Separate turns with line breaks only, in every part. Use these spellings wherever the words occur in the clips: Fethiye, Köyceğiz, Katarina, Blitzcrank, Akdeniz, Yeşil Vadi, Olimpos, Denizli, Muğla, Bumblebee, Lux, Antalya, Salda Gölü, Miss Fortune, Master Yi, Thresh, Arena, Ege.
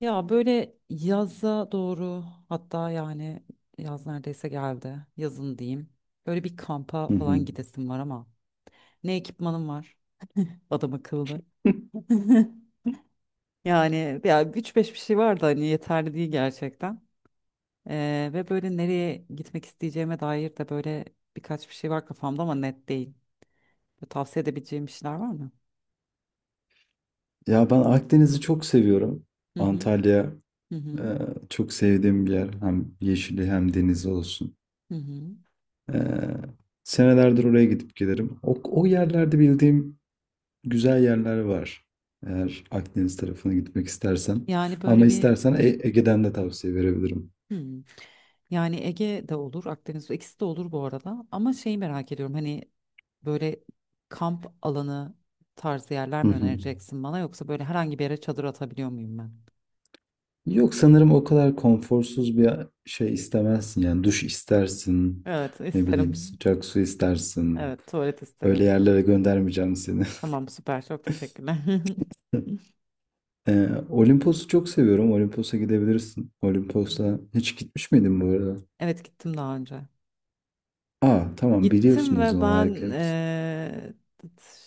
Ya böyle yaza doğru, hatta yani yaz neredeyse geldi. Yazın diyeyim. Böyle bir kampa
Hı hı.
falan gidesim var ama ne ekipmanım var? Adam akıllı. Yani ya üç beş bir şey var da hani yeterli değil gerçekten. Ve böyle nereye gitmek isteyeceğime dair de böyle birkaç bir şey var kafamda ama net değil. Böyle tavsiye edebileceğim bir şeyler var mı?
Ya ben Akdeniz'i çok seviyorum.
Hı hı,
Antalya
hı
e,
hı.
çok sevdiğim bir yer. Hem yeşili hem denizi olsun.
Hı hı.
E, Senelerdir oraya gidip gelirim. O yerlerde bildiğim güzel yerler var. Eğer Akdeniz tarafına gitmek istersen.
Yani
Ama
böyle bir
istersen Ege'den de tavsiye verebilirim.
hı. Yani Ege de olur, Akdeniz ikisi de olur bu arada. Ama şeyi merak ediyorum hani böyle kamp alanı tarzı yerler
Hı
mi
hı.
önereceksin bana yoksa böyle herhangi bir yere çadır atabiliyor muyum ben?
Yok sanırım o kadar konforsuz bir şey istemezsin. Yani duş istersin.
Evet,
Ne bileyim
isterim.
sıcak su istersin.
Evet, tuvalet
Öyle
isterim.
yerlere göndermeyeceğim seni.
Tamam, süper, çok teşekkürler.
Olimpos'u çok seviyorum. Olimpos'a gidebilirsin. Olimpos'a hiç gitmiş miydin bu arada?
Evet, gittim daha önce.
Aa, tamam,
Gittim
biliyorsunuz o
ve
zaman
ben
harikaymış.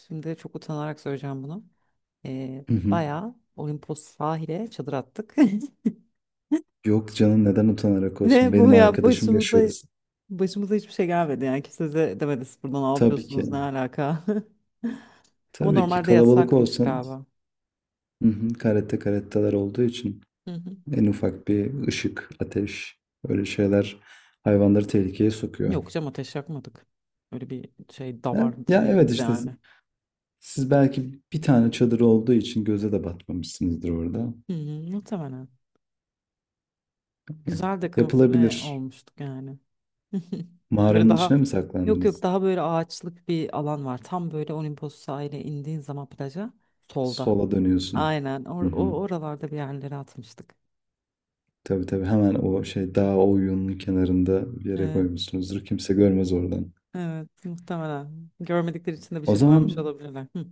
şimdi çok utanarak söyleyeceğim bunu.
Hı hı.
Bayağı Olimpos sahile çadır attık.
Yok canım, neden utanarak olsun?
Ne bu
Benim
ya,
arkadaşım yaşıyordu.
başımıza hiçbir şey gelmedi yani, kimse de demedi siz burada ne
Tabii ki.
yapıyorsunuz, ne alaka. Ama
Tabii ki
normalde
kalabalık
yasakmış
olsan,
galiba.
hı hı, karette karetteler olduğu için
Hı hı.
en ufak bir ışık, ateş öyle şeyler hayvanları tehlikeye sokuyor.
Yok canım, ateş yakmadık. Öyle bir şey
Ha?
davardı
Ya evet,
değiliz
işte siz
yani.
siz belki bir tane çadır olduğu için göze de batmamışsınızdır orada.
Hı hı, muhtemelen.
Eh,
Güzel de kamufle
yapılabilir.
olmuştuk yani. Böyle
Mağaranın
daha,
içine mi
yok yok,
saklandınız?
daha böyle ağaçlık bir alan var. Tam böyle Olimpos sahile indiğin zaman plaja solda.
Sola dönüyorsun.
Aynen, or
Hı
o
hı.
oralarda bir yerlere atmıştık.
Tabii tabii, hemen o şey dağ o kenarında bir yere koymuşsunuzdur. Kimse görmez oradan.
Evet, muhtemelen. Görmedikleri için de bir
O
şey dememiş
zaman
olabilirler. Hı.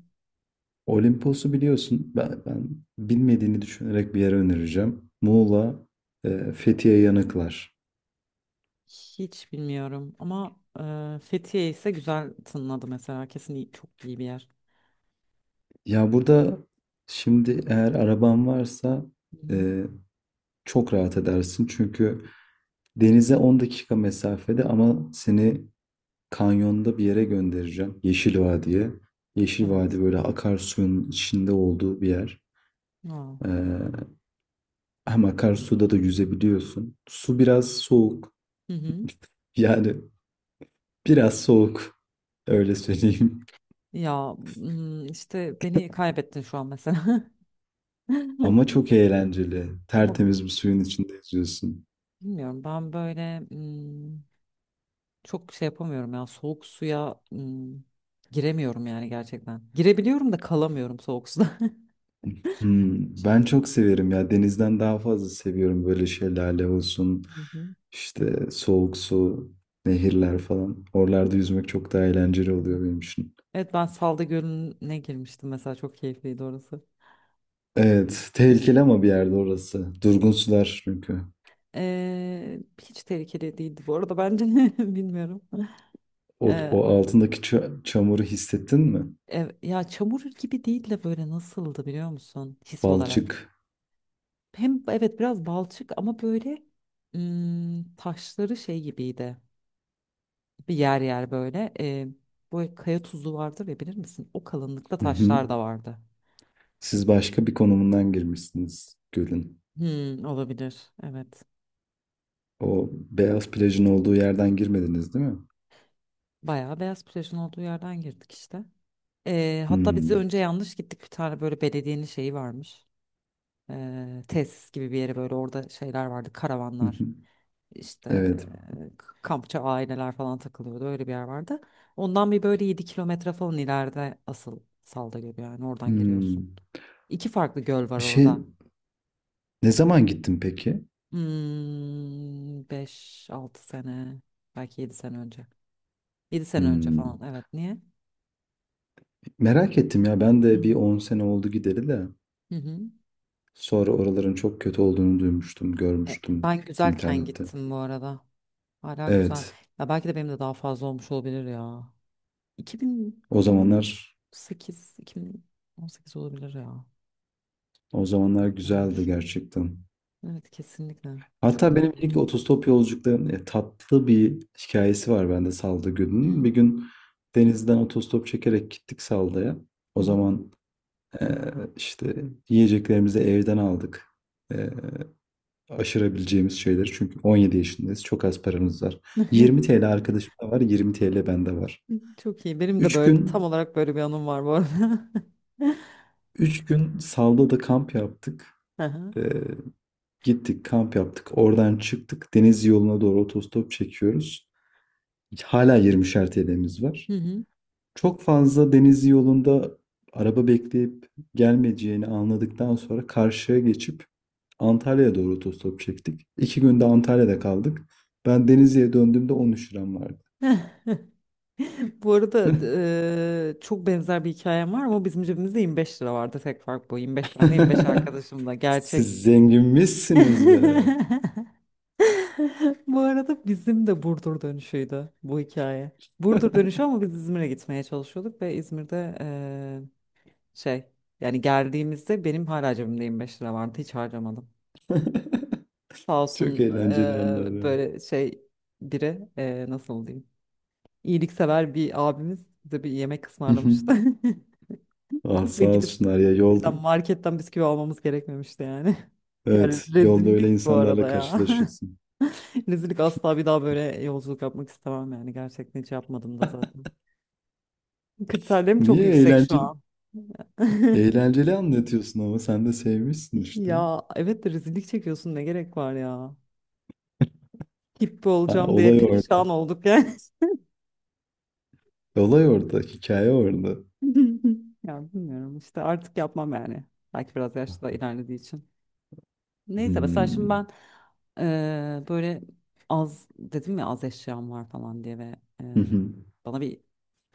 Olimpos'u biliyorsun. Ben bilmediğini düşünerek bir yere önereceğim. Muğla, Fethiye Yanıklar.
Hiç bilmiyorum ama e, Fethiye ise güzel tınladı mesela. Çok iyi bir yer.
Ya burada şimdi eğer araban varsa
Hı hı.
e, çok rahat edersin. Çünkü denize 10 dakika mesafede ama seni Kanyonda bir yere göndereceğim. Yeşil Vadi'ye. Yeşil
Evet.
Vadi böyle akarsuyun içinde olduğu bir yer.
Aa.
Ee, Hem akarsuda da yüzebiliyorsun. Su biraz soğuk.
Hı hı.
Yani biraz soğuk. Öyle söyleyeyim.
Ya işte beni kaybettin şu an mesela.
Ama çok eğlenceli.
Ama
Tertemiz bir suyun içinde yüzüyorsun.
bilmiyorum, ben böyle çok şey yapamıyorum ya, soğuk suya giremiyorum yani gerçekten. Girebiliyorum da kalamıyorum soğuk suda.
Ben çok severim ya. Denizden daha fazla seviyorum, böyle şelale olsun.
Hı hı.
İşte soğuk su, nehirler falan. Oralarda yüzmek çok daha eğlenceli
Evet.
oluyor benim için.
Evet, ben Salda Gölü'ne girmiştim mesela, çok keyifliydi orası.
Evet,
Üst,
tehlikeli ama bir yerde orası. Durgun sular çünkü.
Hiç tehlikeli değildi bu arada bence, bilmiyorum.
O,
Ee,
o altındaki çamuru hissettin mi?
Ya çamur gibi değil de, böyle nasıldı biliyor musun his olarak.
Balçık.
Hem evet, biraz balçık ama böyle taşları şey gibiydi. Bir yer yer böyle bu kaya tuzu vardır ya, bilir misin? O kalınlıkta
Hı hı.
taşlar da vardı.
Siz başka bir konumundan girmişsiniz gölün.
Hmm, olabilir, evet.
O beyaz plajın olduğu yerden girmediniz değil mi?
Bayağı beyaz plajın olduğu yerden girdik işte. Hatta biz de
Hmm.
önce yanlış gittik, bir tane böyle belediyenin şeyi varmış. Tesis gibi bir yere, böyle orada şeyler vardı,
Hı hı.
karavanlar işte,
Evet.
kampçı aileler falan takılıyordu, öyle bir yer vardı. Ondan bir böyle 7 kilometre falan ileride asıl Salda Gölü, yani oradan giriyorsun.
Hmm.
İki farklı göl var
Bir şey
orada.
ne zaman gittin peki?
Hmm, 5-6 sene, belki 7 sene önce. 7 sene önce falan,
Hmm.
evet, niye?
Merak ettim ya, ben de bir 10 sene oldu gideli de
Hı hı.
sonra oraların çok kötü olduğunu duymuştum,
E,
görmüştüm
ben güzelken
internette.
gittim bu arada. Hala güzel.
Evet.
Ya belki de benim de daha fazla olmuş olabilir ya.
O zamanlar
2018, 2018 olabilir ya.
O zamanlar güzeldi
Olmuş.
gerçekten.
Evet, kesinlikle. Çok
Hatta
da.
benim ilk otostop yolculuklarım, tatlı bir hikayesi var bende Salda
Hı
Gölü'nün. Bir
hı.
gün denizden otostop çekerek gittik Salda'ya.
Hı
O
hı.
zaman e, işte yiyeceklerimizi evden aldık. E, Aşırabileceğimiz şeyleri. Çünkü 17 yaşındayız. Çok az paramız var. 20 TL arkadaşımda var. 20 TL bende var.
Çok iyi. Benim de
3
böyle tam
gün
olarak böyle bir anım var bu arada.
3 gün Salda'da kamp yaptık.
Aha.
E, Gittik, kamp yaptık. Oradan çıktık. Deniz yoluna doğru otostop çekiyoruz. Hala 20'şer TL'miz var.
Hı hı.
Çok fazla deniz yolunda araba bekleyip gelmeyeceğini anladıktan sonra karşıya geçip Antalya'ya doğru otostop çektik. 2 günde Antalya'da kaldık. Ben Denizli'ye döndüğümde 13 liram vardı.
Bu arada çok benzer bir hikayem var ama bizim cebimizde 25 lira vardı. Tek fark bu. 25 bende, 25 arkadaşımla.
Siz
Gerçek.
zenginmişsiniz be.
Bu arada bizim de Burdur dönüşüydü bu hikaye. Burdur dönüşü ama biz İzmir'e gitmeye çalışıyorduk ve İzmir'de şey yani geldiğimizde benim hala cebimde 25 lira vardı, hiç harcamadım. Sağ
Çok
olsun
eğlenceli anları.
böyle şey biri nasıl diyeyim, iyiliksever bir abimiz bize bir yemek ısmarlamıştı.
Ah,
Ve
sağ
gidip
olsunlar ya yolda.
şeyden, marketten bisküvi almamız gerekmemişti yani. Yani
Evet, yolda öyle
rezillik bu
insanlarla
arada ya.
karşılaşıyorsun.
Rezillik, asla bir daha böyle yolculuk yapmak istemem yani. Gerçekten hiç yapmadım da zaten. Kriterlerim çok
Niye
yüksek şu
eğlenceli,
an.
eğlenceli anlatıyorsun ama sen de sevmişsin işte.
Ya evet de rezillik çekiyorsun, ne gerek var ya. Hippi
Ha,
olacağım diye
olay orada.
perişan olduk yani.
Olay orada, hikaye orada.
Ya bilmiyorum işte, artık yapmam yani. Belki biraz yaşta ilerlediği için. Neyse, mesela şimdi
Hmm.
ben böyle az dedim ya, az eşyam var falan diye ve
Hı hı.
bana bir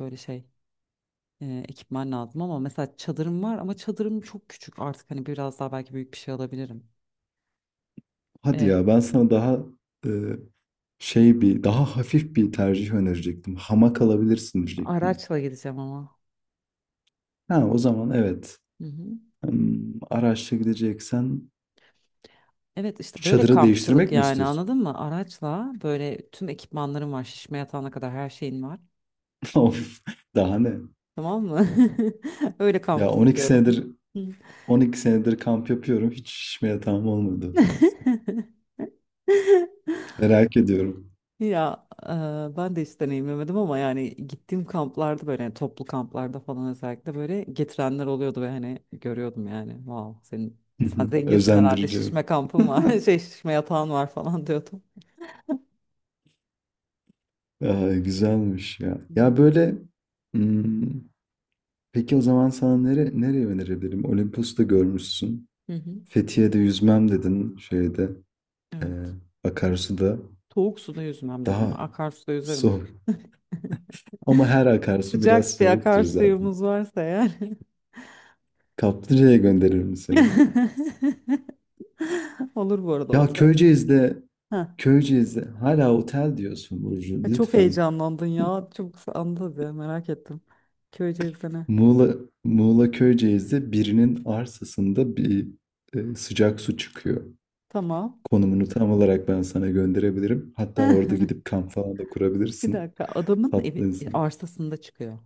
böyle şey ekipman lazım ama mesela çadırım var ama çadırım çok küçük artık, hani biraz daha belki büyük bir şey alabilirim.
Hadi
Eee,
ya, ben sana daha e, şey bir daha hafif bir tercih önerecektim. Hamak alabilirsin diyecektim.
Araçla gideceğim ama.
Ha, o zaman evet.
Hı hı.
Araçla gideceksen
Evet işte böyle
çadırı
kampçılık
değiştirmek mi
yani,
istiyorsun?
anladın mı? Araçla böyle tüm ekipmanlarım var, şişme yatağına kadar her şeyin var.
Of, daha ne?
Tamam mı? Öyle
Ya
kamp
12
istiyorum.
senedir
Hı.
12 senedir kamp yapıyorum. Hiç şişme yatağım olmadı. Merak ediyorum.
Ya e, ben de hiç deneyimlemedim ama yani gittiğim kamplarda, böyle yani, toplu kamplarda falan özellikle böyle getirenler oluyordu ve hani görüyordum yani, wow senin
Hı
sen
hı.
zenginsin herhalde,
Özendirici.
şişme kampın var şey şişme yatağın var falan diyordum.
Ay, güzelmiş ya.
Hı
Ya böyle, hmm, peki o zaman sana nereye önerebilirim? Olimpos'ta görmüşsün.
hı. Hı.
Fethiye'de yüzmem dedin şeyde, e,
Evet.
akarsuda.
Soğuk suda yüzmem dedim.
Daha
Akarsuda yüzerim, dur.
soğuk. Ama her akarsu biraz
Sıcak bir
soğuktur zaten.
akarsuyumuz varsa eğer.
Kaplıca'ya gönderirim seni.
Olur bu arada
Ya
otel.
Köyceğiz'de
Ha.
Köyceğiz'de hala otel diyorsun Burcu.
Çok
Lütfen.
heyecanlandın ya. Çok anladı, merak ettim. Köyceğiz'de ne?
Muğla, Muğla Köyceğiz'de birinin arsasında bir sıcak su çıkıyor.
Tamam.
Konumunu tam olarak ben sana gönderebilirim. Hatta orada gidip kamp falan da
Bir
kurabilirsin.
dakika. Adamın
Tatlı
evi, e,
insan.
arsasında çıkıyor.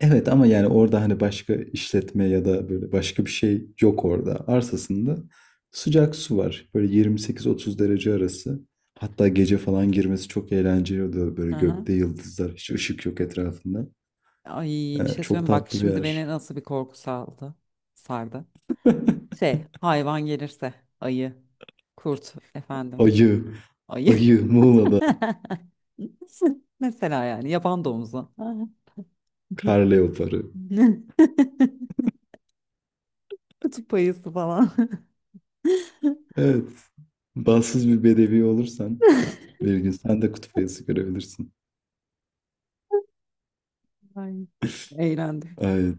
Evet, ama yani orada hani başka işletme ya da böyle başka bir şey yok orada. Arsasında sıcak su var. Böyle 28-30 derece arası. Hatta gece falan girmesi çok eğlenceli oluyor. Böyle
Hı hı.
gökte yıldızlar, hiç ışık yok etrafında.
Ay, bir şey
Çok
söyleyeyim. Bak
tatlı bir
şimdi beni
yer.
nasıl bir korku saldı. Sardı. Şey, hayvan gelirse, ayı, kurt efendim.
Ayı.
Ayı.
Ayı Muğla'da,
Mesela yani yaban domuzu.
kar leoparı.
Kutup ayısı falan.
Evet. Bahtsız bir bedevi olursan bir gün sen de kutup ayısı görebilirsin.
Ay, eğlendim.
Ay,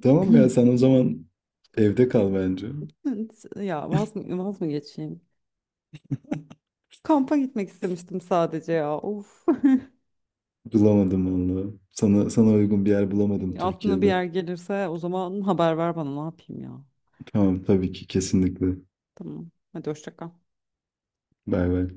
tamam ya, sen o zaman evde kal bence.
Ya vaz mı geçeyim? Kampa gitmek istemiştim sadece ya. Of.
Bulamadım vallahi. Sana uygun bir yer bulamadım
Aklına bir
Türkiye'de.
yer gelirse o zaman haber ver bana, ne yapayım ya.
Tamam, tabii ki, kesinlikle.
Tamam. Hadi hoşça kal.
Bay bay.